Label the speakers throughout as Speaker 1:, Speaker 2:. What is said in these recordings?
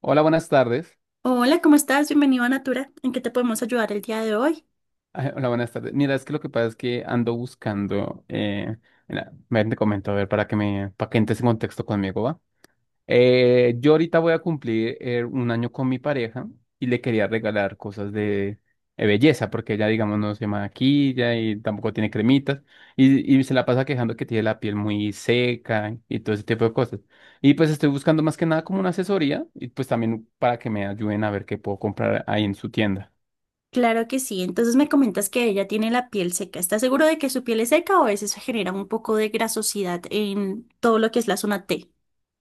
Speaker 1: Hola, buenas tardes.
Speaker 2: Hola, ¿cómo estás? Bienvenido a Natura. ¿En qué te podemos ayudar el día de hoy?
Speaker 1: Ah, hola, buenas tardes. Mira, es que lo que pasa es que ando buscando, mira, ven, te comento, a ver, para que entres en contexto conmigo, ¿va? Yo ahorita voy a cumplir un año con mi pareja y le quería regalar cosas de belleza, porque ella, digamos, no se maquilla y tampoco tiene cremitas y se la pasa quejando que tiene la piel muy seca y todo ese tipo de cosas. Y pues estoy buscando más que nada como una asesoría y pues también para que me ayuden a ver qué puedo comprar ahí en su tienda.
Speaker 2: Claro que sí. Entonces me comentas que ella tiene la piel seca. ¿Estás seguro de que su piel es seca o a veces se genera un poco de grasosidad en todo lo que es la zona T,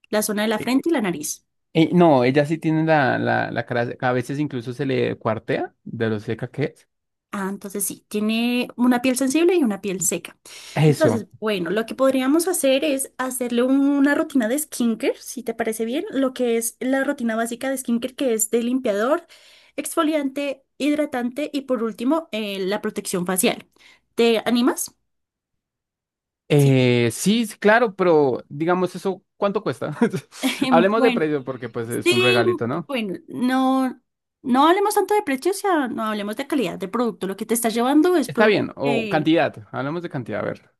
Speaker 2: la zona de la frente y la nariz?
Speaker 1: No, ella sí tiene la cara, a veces incluso se le cuartea de lo seca que es.
Speaker 2: Ah, entonces sí, tiene una piel sensible y una piel seca. Entonces,
Speaker 1: Eso.
Speaker 2: bueno, lo que podríamos hacer es hacerle una rutina de skincare, si te parece bien, lo que es la rutina básica de skincare, que es de limpiador, exfoliante, hidratante y por último, la protección facial. ¿Te animas? Sí.
Speaker 1: Sí, sí, claro, pero digamos eso, ¿cuánto cuesta? Hablemos de
Speaker 2: Bueno,
Speaker 1: precio porque pues es un
Speaker 2: sí,
Speaker 1: regalito, ¿no?
Speaker 2: bueno, no, no hablemos tanto de precio, o no hablemos de calidad de producto. Lo que te estás llevando es
Speaker 1: Está
Speaker 2: producto.
Speaker 1: bien, o cantidad, hablemos de cantidad, a ver.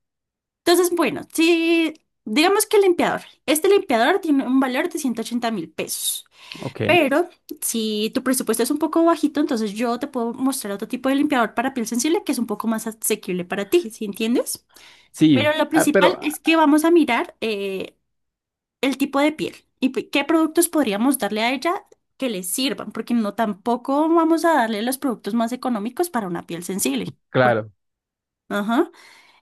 Speaker 2: Entonces, bueno, si digamos que el limpiador. Este limpiador tiene un valor de 180.000 pesos.
Speaker 1: Ok,
Speaker 2: Pero si tu presupuesto es un poco bajito, entonces yo te puedo mostrar otro tipo de limpiador para piel sensible que es un poco más asequible para ti, ¿sí entiendes?
Speaker 1: sí,
Speaker 2: Pero lo
Speaker 1: ah, pero
Speaker 2: principal
Speaker 1: ah,
Speaker 2: es que vamos a mirar el tipo de piel y qué productos podríamos darle a ella que le sirvan, porque no tampoco vamos a darle los productos más económicos para una piel sensible.
Speaker 1: claro,
Speaker 2: Ajá.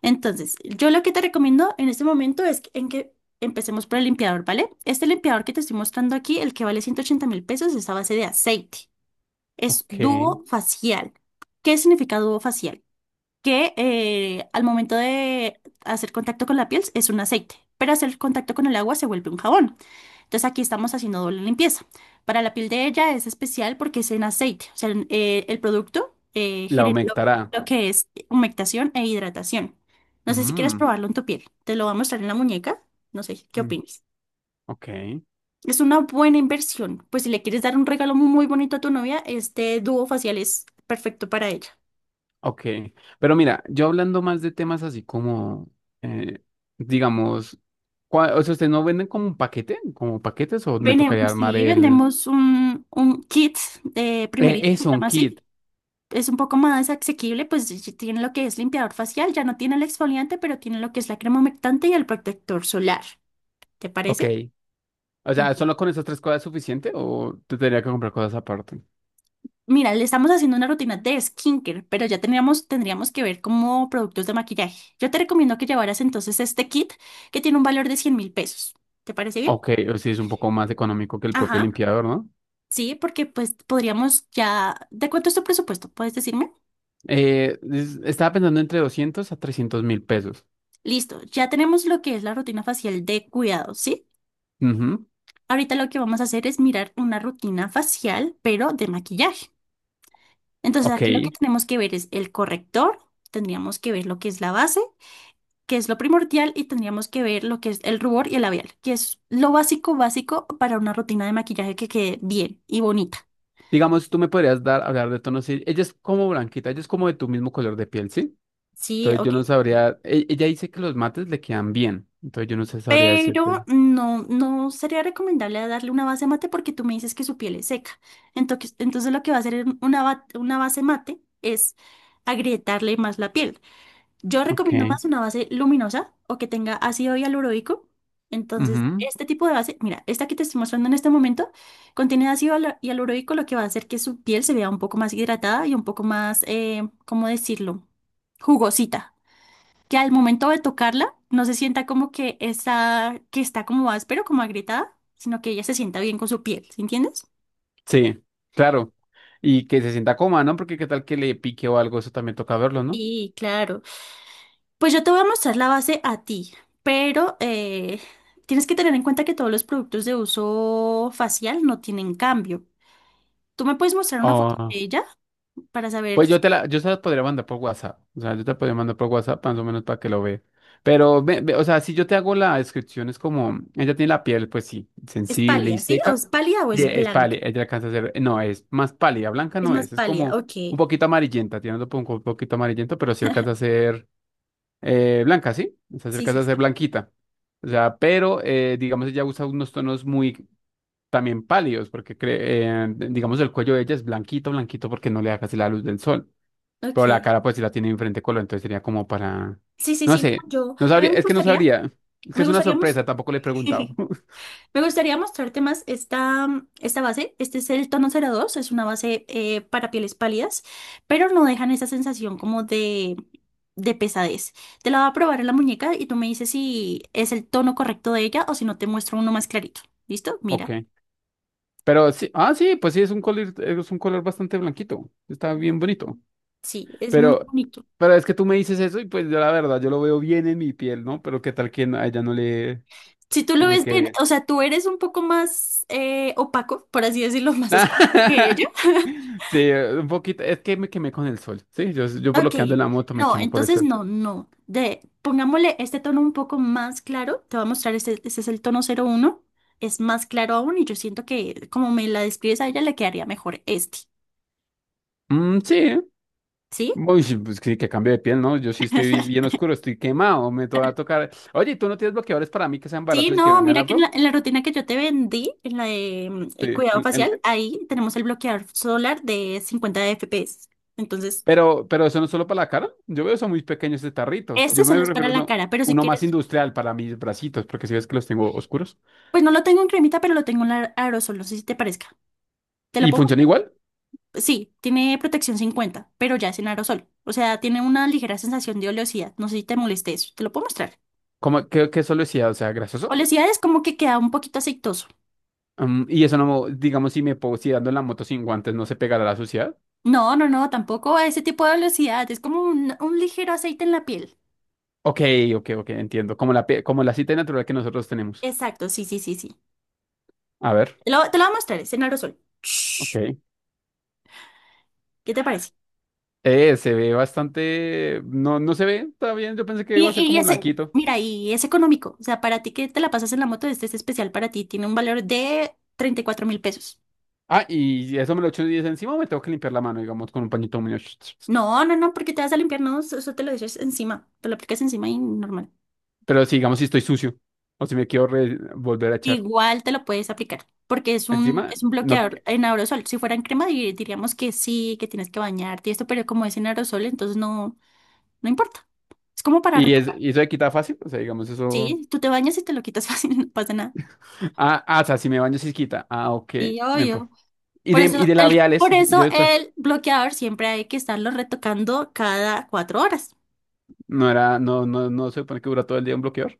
Speaker 2: Entonces, yo lo que te recomiendo en este momento es que- en que empecemos por el limpiador, ¿vale? Este limpiador que te estoy mostrando aquí, el que vale 180.000 pesos, es a base de aceite. Es
Speaker 1: ok,
Speaker 2: dúo facial. ¿Qué significa dúo facial? Que al momento de hacer contacto con la piel es un aceite, pero hacer contacto con el agua se vuelve un jabón. Entonces aquí estamos haciendo doble limpieza. Para la piel de ella es especial porque es en aceite, o sea, el producto
Speaker 1: la
Speaker 2: genera
Speaker 1: aumentará.
Speaker 2: lo que es humectación e hidratación. No sé si quieres
Speaker 1: Mm,
Speaker 2: probarlo en tu piel, te lo voy a mostrar en la muñeca, no sé, ¿qué
Speaker 1: mm,
Speaker 2: opinas?
Speaker 1: ok.
Speaker 2: Es una buena inversión, pues si le quieres dar un regalo muy bonito a tu novia, este dúo facial es perfecto para ella.
Speaker 1: Ok, pero mira, yo hablando más de temas así como, eh, digamos, o sea, ¿ustedes no venden como un paquete? ¿Como paquetes o me tocaría armar
Speaker 2: Sí,
Speaker 1: el...?
Speaker 2: vendemos un kit de primerito, se
Speaker 1: Eso, un
Speaker 2: llama
Speaker 1: kit.
Speaker 2: así. Es un poco más asequible, pues y tiene lo que es limpiador facial, ya no tiene el exfoliante, pero tiene lo que es la crema humectante y el protector solar. ¿Te
Speaker 1: Ok.
Speaker 2: parece?
Speaker 1: O sea,
Speaker 2: Ujú.
Speaker 1: ¿solo con esas tres cosas es suficiente o te tendría que comprar cosas aparte?
Speaker 2: Mira, le estamos haciendo una rutina de skincare, pero ya teníamos, tendríamos que ver como productos de maquillaje. Yo te recomiendo que llevaras entonces este kit que tiene un valor de 100.000 pesos. ¿Te parece bien?
Speaker 1: Ok, o si es un poco más económico que el propio
Speaker 2: Ajá.
Speaker 1: limpiador, ¿no?
Speaker 2: Sí, porque pues podríamos ya... ¿De cuánto es tu presupuesto? ¿Puedes decirme?
Speaker 1: Estaba pensando entre 200.000 a 300.000 pesos.
Speaker 2: Listo, ya tenemos lo que es la rutina facial de cuidado, ¿sí?
Speaker 1: Ujú.
Speaker 2: Ahorita lo que vamos a hacer es mirar una rutina facial, pero de maquillaje. Entonces
Speaker 1: Ok,
Speaker 2: aquí lo que tenemos que ver es el corrector, tendríamos que ver lo que es la base, que es lo primordial, y tendríamos que ver lo que es el rubor y el labial, que es lo básico, básico para una rutina de maquillaje que quede bien y bonita.
Speaker 1: digamos, tú me podrías hablar de tonos. Sí, ella es como blanquita, ella es como de tu mismo color de piel, ¿sí?
Speaker 2: Sí,
Speaker 1: Entonces yo
Speaker 2: ok.
Speaker 1: no sabría, ella dice que los mates le quedan bien, entonces yo no sé, sabría decirte.
Speaker 2: Pero no, no sería recomendable darle una base mate porque tú me dices que su piel es seca. Entonces, entonces lo que va a hacer en una, una base mate es agrietarle más la piel. Yo recomiendo
Speaker 1: Ok.
Speaker 2: más una base luminosa o que tenga ácido hialurónico. Entonces,
Speaker 1: Ujú.
Speaker 2: este tipo de base, mira, esta que te estoy mostrando en este momento, contiene ácido hialurónico, lo que va a hacer que su piel se vea un poco más hidratada y un poco más, ¿cómo decirlo? Jugosita que al momento de tocarla no se sienta como que está como áspero, como agrietada, sino que ella se sienta bien con su piel, ¿sí entiendes?
Speaker 1: Sí, claro. Y que se sienta coma, ¿no? Porque qué tal que le pique o algo, eso también toca verlo, ¿no?
Speaker 2: Sí, claro. Pues yo te voy a mostrar la base a ti, pero tienes que tener en cuenta que todos los productos de uso facial no tienen cambio. Tú me puedes mostrar una foto
Speaker 1: Oh.
Speaker 2: de ella para saber,
Speaker 1: Pues yo te la, yo se la podría mandar por WhatsApp. O sea, yo te la podría mandar por WhatsApp más o menos para que lo veas. Pero, ve, o sea, si yo te hago la descripción, es como, ella tiene la piel, pues sí,
Speaker 2: es
Speaker 1: sensible y
Speaker 2: pálida, ¿sí? ¿O es
Speaker 1: seca.
Speaker 2: pálida o
Speaker 1: Y
Speaker 2: es
Speaker 1: es
Speaker 2: blanca?
Speaker 1: pálida, ella alcanza a ser, no, es más pálida, blanca
Speaker 2: Es
Speaker 1: no
Speaker 2: más
Speaker 1: es, es
Speaker 2: pálida,
Speaker 1: como un
Speaker 2: ok.
Speaker 1: poquito amarillenta, tiene un poquito amarillento, pero sí alcanza a ser blanca, ¿sí? O sea, sí
Speaker 2: Sí, sí,
Speaker 1: alcanza a ser
Speaker 2: sí.
Speaker 1: blanquita. O sea, pero, digamos, ella usa unos tonos muy también pálidos, porque, digamos, el cuello de ella es blanquito, blanquito, porque no le da casi la luz del sol. Pero la
Speaker 2: Ok.
Speaker 1: cara pues sí la tiene de diferente color, entonces sería como para...
Speaker 2: Sí, sí,
Speaker 1: No
Speaker 2: sí,
Speaker 1: sé,
Speaker 2: no, yo,
Speaker 1: no
Speaker 2: a mí
Speaker 1: sabría, es que no sabría. Es que
Speaker 2: me
Speaker 1: es una
Speaker 2: gustaría
Speaker 1: sorpresa,
Speaker 2: mostrar.
Speaker 1: tampoco le he preguntado.
Speaker 2: Me gustaría mostrarte más esta, esta base. Este es el tono 02. Es una base para pieles pálidas, pero no dejan esa sensación como de pesadez. Te la voy a probar en la muñeca y tú me dices si es el tono correcto de ella o si no te muestro uno más clarito. ¿Listo?
Speaker 1: Ok.
Speaker 2: Mira,
Speaker 1: Pero sí, ah, sí, pues sí, es un color bastante blanquito. Está bien bonito.
Speaker 2: sí, es muy
Speaker 1: Pero,
Speaker 2: bonito.
Speaker 1: pero es que tú me dices eso y pues yo la verdad, yo lo veo bien en mi piel, ¿no? Pero qué tal que no, a ella
Speaker 2: Si tú lo
Speaker 1: no le
Speaker 2: ves
Speaker 1: quede
Speaker 2: bien,
Speaker 1: bien.
Speaker 2: o sea, tú eres un poco más opaco, por así decirlo, más oscuro que ella.
Speaker 1: Sí, un poquito, es que me quemé con el sol. Sí, yo por lo
Speaker 2: Ok,
Speaker 1: que ando en la moto me
Speaker 2: no,
Speaker 1: quemo por el
Speaker 2: entonces
Speaker 1: sol.
Speaker 2: no, no. De, pongámosle este tono un poco más claro. Te voy a mostrar, este es el tono 01. Es más claro aún y yo siento que como me la describes a ella le quedaría mejor este,
Speaker 1: Mm, sí.
Speaker 2: ¿sí?
Speaker 1: Uy, sí, pues sí, que cambio de piel, ¿no? Yo sí estoy bien oscuro, estoy quemado, va a tocar. Oye, ¿tú no tienes bloqueadores para mí que sean
Speaker 2: Sí,
Speaker 1: baratos y que
Speaker 2: no,
Speaker 1: vengan
Speaker 2: mira que
Speaker 1: harto?
Speaker 2: en la rutina que yo te vendí, en la de
Speaker 1: Sí,
Speaker 2: cuidado facial, ahí tenemos el bloqueador solar de 50 FPS. Entonces,
Speaker 1: pero, eso no es solo para la cara. Yo veo eso muy pequeño, este tarrito.
Speaker 2: este
Speaker 1: Yo me
Speaker 2: solo es para
Speaker 1: refiero a
Speaker 2: la
Speaker 1: uno,
Speaker 2: cara, pero si
Speaker 1: uno más
Speaker 2: quieres,
Speaker 1: industrial para mis bracitos, porque si ves que los tengo oscuros.
Speaker 2: pues no lo tengo en cremita, pero lo tengo en aerosol, no sé si te parezca. ¿Te lo
Speaker 1: ¿Y
Speaker 2: pongo?
Speaker 1: funciona igual?
Speaker 2: Sí, tiene protección 50, pero ya es en aerosol. O sea, tiene una ligera sensación de oleosidad. No sé si te moleste eso. Te lo puedo mostrar.
Speaker 1: ¿Como qué solo decía, o sea, grasoso?
Speaker 2: Oleosidad es como que queda un poquito aceitoso.
Speaker 1: Mm, y eso no, digamos, si dando en la moto sin guantes, ¿no se pegará a la suciedad?
Speaker 2: No, no, no, tampoco a ese tipo de oleosidad. Es como un ligero aceite en la piel.
Speaker 1: Ok, ok, ok, entiendo. Como la cita natural que nosotros tenemos.
Speaker 2: Exacto, sí, sí, sí, sí.
Speaker 1: A ver,
Speaker 2: Te lo voy a mostrar, es en aerosol. Shh,
Speaker 1: ok.
Speaker 2: ¿qué te parece?
Speaker 1: Se ve bastante. No, no se ve, está bien. Yo pensé que iba a ser
Speaker 2: Y
Speaker 1: como
Speaker 2: ese,
Speaker 1: blanquito.
Speaker 2: mira, y es económico. O sea, para ti que te la pasas en la moto, este es especial para ti. Tiene un valor de 34 mil pesos.
Speaker 1: Ah, y eso me lo echo y dice encima, o me tengo que limpiar la mano, digamos, con un pañito muy.
Speaker 2: No, no, no, porque te vas a limpiar, no, eso eso te lo dices encima. Te lo aplicas encima y normal.
Speaker 1: Pero si, digamos, si estoy sucio o si me quiero volver a echar
Speaker 2: Igual te lo puedes aplicar, porque es
Speaker 1: encima,
Speaker 2: es un
Speaker 1: no.
Speaker 2: bloqueador en aerosol. Si fuera en crema, diríamos que sí, que tienes que bañarte y esto, pero como es en aerosol, entonces no, no importa. Es como para
Speaker 1: Y, es,
Speaker 2: retocar.
Speaker 1: y eso se quita fácil, o sea, digamos, eso.
Speaker 2: Sí, tú te bañas y te lo quitas fácil, no pasa nada.
Speaker 1: Ah, ah, o sea, si me baño, sí se quita. Ah, ok.
Speaker 2: Sí,
Speaker 1: Me...
Speaker 2: obvio.
Speaker 1: pa- Y de, labiales,
Speaker 2: Por eso el bloqueador siempre hay que estarlo retocando cada 4 horas.
Speaker 1: no, no, no se supone que dura todo el día un bloqueador.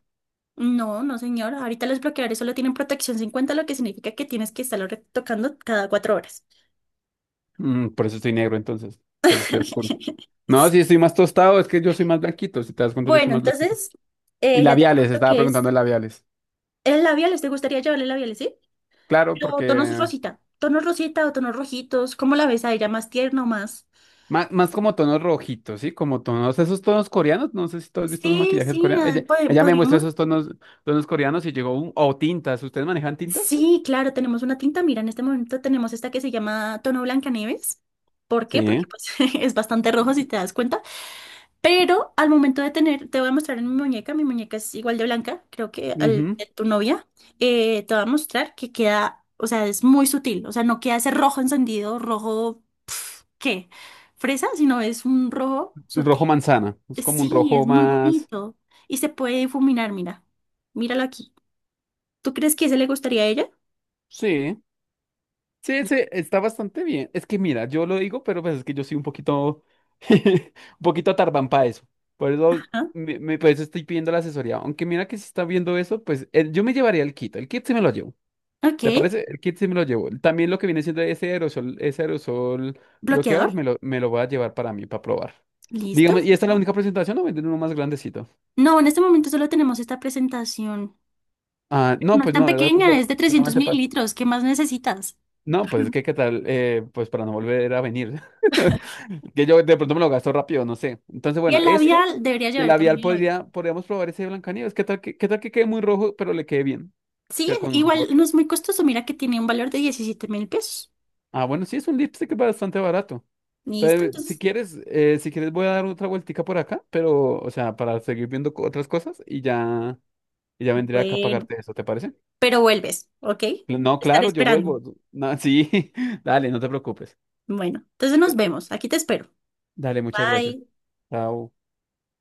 Speaker 2: No, no, señora. Ahorita los bloqueadores solo tienen protección 50 lo que significa que tienes que estarlo retocando cada cuatro horas.
Speaker 1: Mm, por eso estoy negro, entonces, pues estoy oscuro. No, si estoy más tostado, es que yo soy más blanquito. Si te das cuenta, yo soy
Speaker 2: Bueno,
Speaker 1: más blanquito.
Speaker 2: entonces
Speaker 1: Y
Speaker 2: ya tenemos
Speaker 1: labiales,
Speaker 2: lo
Speaker 1: estaba
Speaker 2: que
Speaker 1: preguntando
Speaker 2: es.
Speaker 1: de labiales.
Speaker 2: El labiales, ¿te gustaría llevarle labiales, sí?
Speaker 1: Claro,
Speaker 2: Pero
Speaker 1: porque
Speaker 2: tonos rosita o tonos rojitos, ¿cómo la ves a ella? ¿Más tierno, más?
Speaker 1: más como tonos rojitos, ¿sí? Como tonos, esos tonos coreanos, no sé si tú has visto los
Speaker 2: Sí,
Speaker 1: maquillajes
Speaker 2: sí,
Speaker 1: coreanos.
Speaker 2: ah,
Speaker 1: Ella, ella me muestra
Speaker 2: podríamos.
Speaker 1: esos tonos coreanos y llegó, o tintas, ¿ustedes manejan tintas?
Speaker 2: Sí, claro, tenemos una tinta. Mira, en este momento tenemos esta que se llama tono Blancanieves. ¿Por qué? Porque
Speaker 1: Sí.
Speaker 2: pues, es bastante rojo si te das cuenta. Pero al momento de tener, te voy a mostrar en mi muñeca es igual de blanca, creo que al
Speaker 1: Ujú.
Speaker 2: de tu novia, te voy a mostrar que queda, o sea, es muy sutil, o sea, no queda ese rojo encendido, rojo ¿qué? ¿Fresa? Sino es un rojo sutil.
Speaker 1: Rojo manzana, es como un
Speaker 2: Sí, es
Speaker 1: rojo
Speaker 2: muy
Speaker 1: más,
Speaker 2: bonito. Y se puede difuminar, mira. Míralo aquí. ¿Tú crees que ese le gustaría a ella?
Speaker 1: sí, sí, está bastante bien. Es que mira, yo lo digo, pero pues es que yo soy un poquito, un poquito tardán para eso. Por eso,
Speaker 2: Ajá.
Speaker 1: por eso estoy pidiendo la asesoría. Aunque mira que si está viendo eso, pues yo me llevaría el kit. El kit sí me lo llevo.
Speaker 2: Ok.
Speaker 1: ¿Te parece? El kit sí me lo llevo. También lo que viene siendo ese aerosol
Speaker 2: ¿Bloqueador?
Speaker 1: bloqueador, me lo voy a llevar para mí, para probar.
Speaker 2: ¿Listo?
Speaker 1: Digamos, ¿y esta es la
Speaker 2: No,
Speaker 1: única presentación o venden uno más grandecito?
Speaker 2: no, en este momento solo tenemos esta presentación.
Speaker 1: Ah, no,
Speaker 2: No es
Speaker 1: pues
Speaker 2: tan
Speaker 1: no, era
Speaker 2: pequeña, es de 300
Speaker 1: solamente para...
Speaker 2: mililitros. ¿Qué más necesitas?
Speaker 1: No, pues es que qué tal, pues para no volver a venir. Que yo de pronto me lo gasto rápido, no sé. Entonces,
Speaker 2: Y
Speaker 1: bueno,
Speaker 2: el
Speaker 1: esto
Speaker 2: labial, debería
Speaker 1: y el
Speaker 2: llevar también
Speaker 1: labial
Speaker 2: el labial.
Speaker 1: podríamos probar ese de Blancanieves. ¿Qué tal que quede muy rojo, pero le quede bien?
Speaker 2: Sí,
Speaker 1: Que con un rubor.
Speaker 2: igual no es muy costoso. Mira que tiene un valor de 17.000 pesos.
Speaker 1: Ah, bueno, sí, es un lipstick bastante barato.
Speaker 2: ¿Listo?
Speaker 1: Pero, si
Speaker 2: Entonces,
Speaker 1: quieres, eh, si quieres voy a dar otra vueltica por acá, pero, o sea, para seguir viendo otras cosas y ya, vendría acá a
Speaker 2: bueno.
Speaker 1: pagarte eso, ¿te parece?
Speaker 2: Pero vuelves, ¿ok? Te
Speaker 1: No,
Speaker 2: estaré
Speaker 1: claro, yo
Speaker 2: esperando.
Speaker 1: vuelvo. No, sí, dale, no te preocupes.
Speaker 2: Bueno, entonces nos vemos. Aquí te espero.
Speaker 1: Dale, muchas gracias.
Speaker 2: Bye.
Speaker 1: Chao.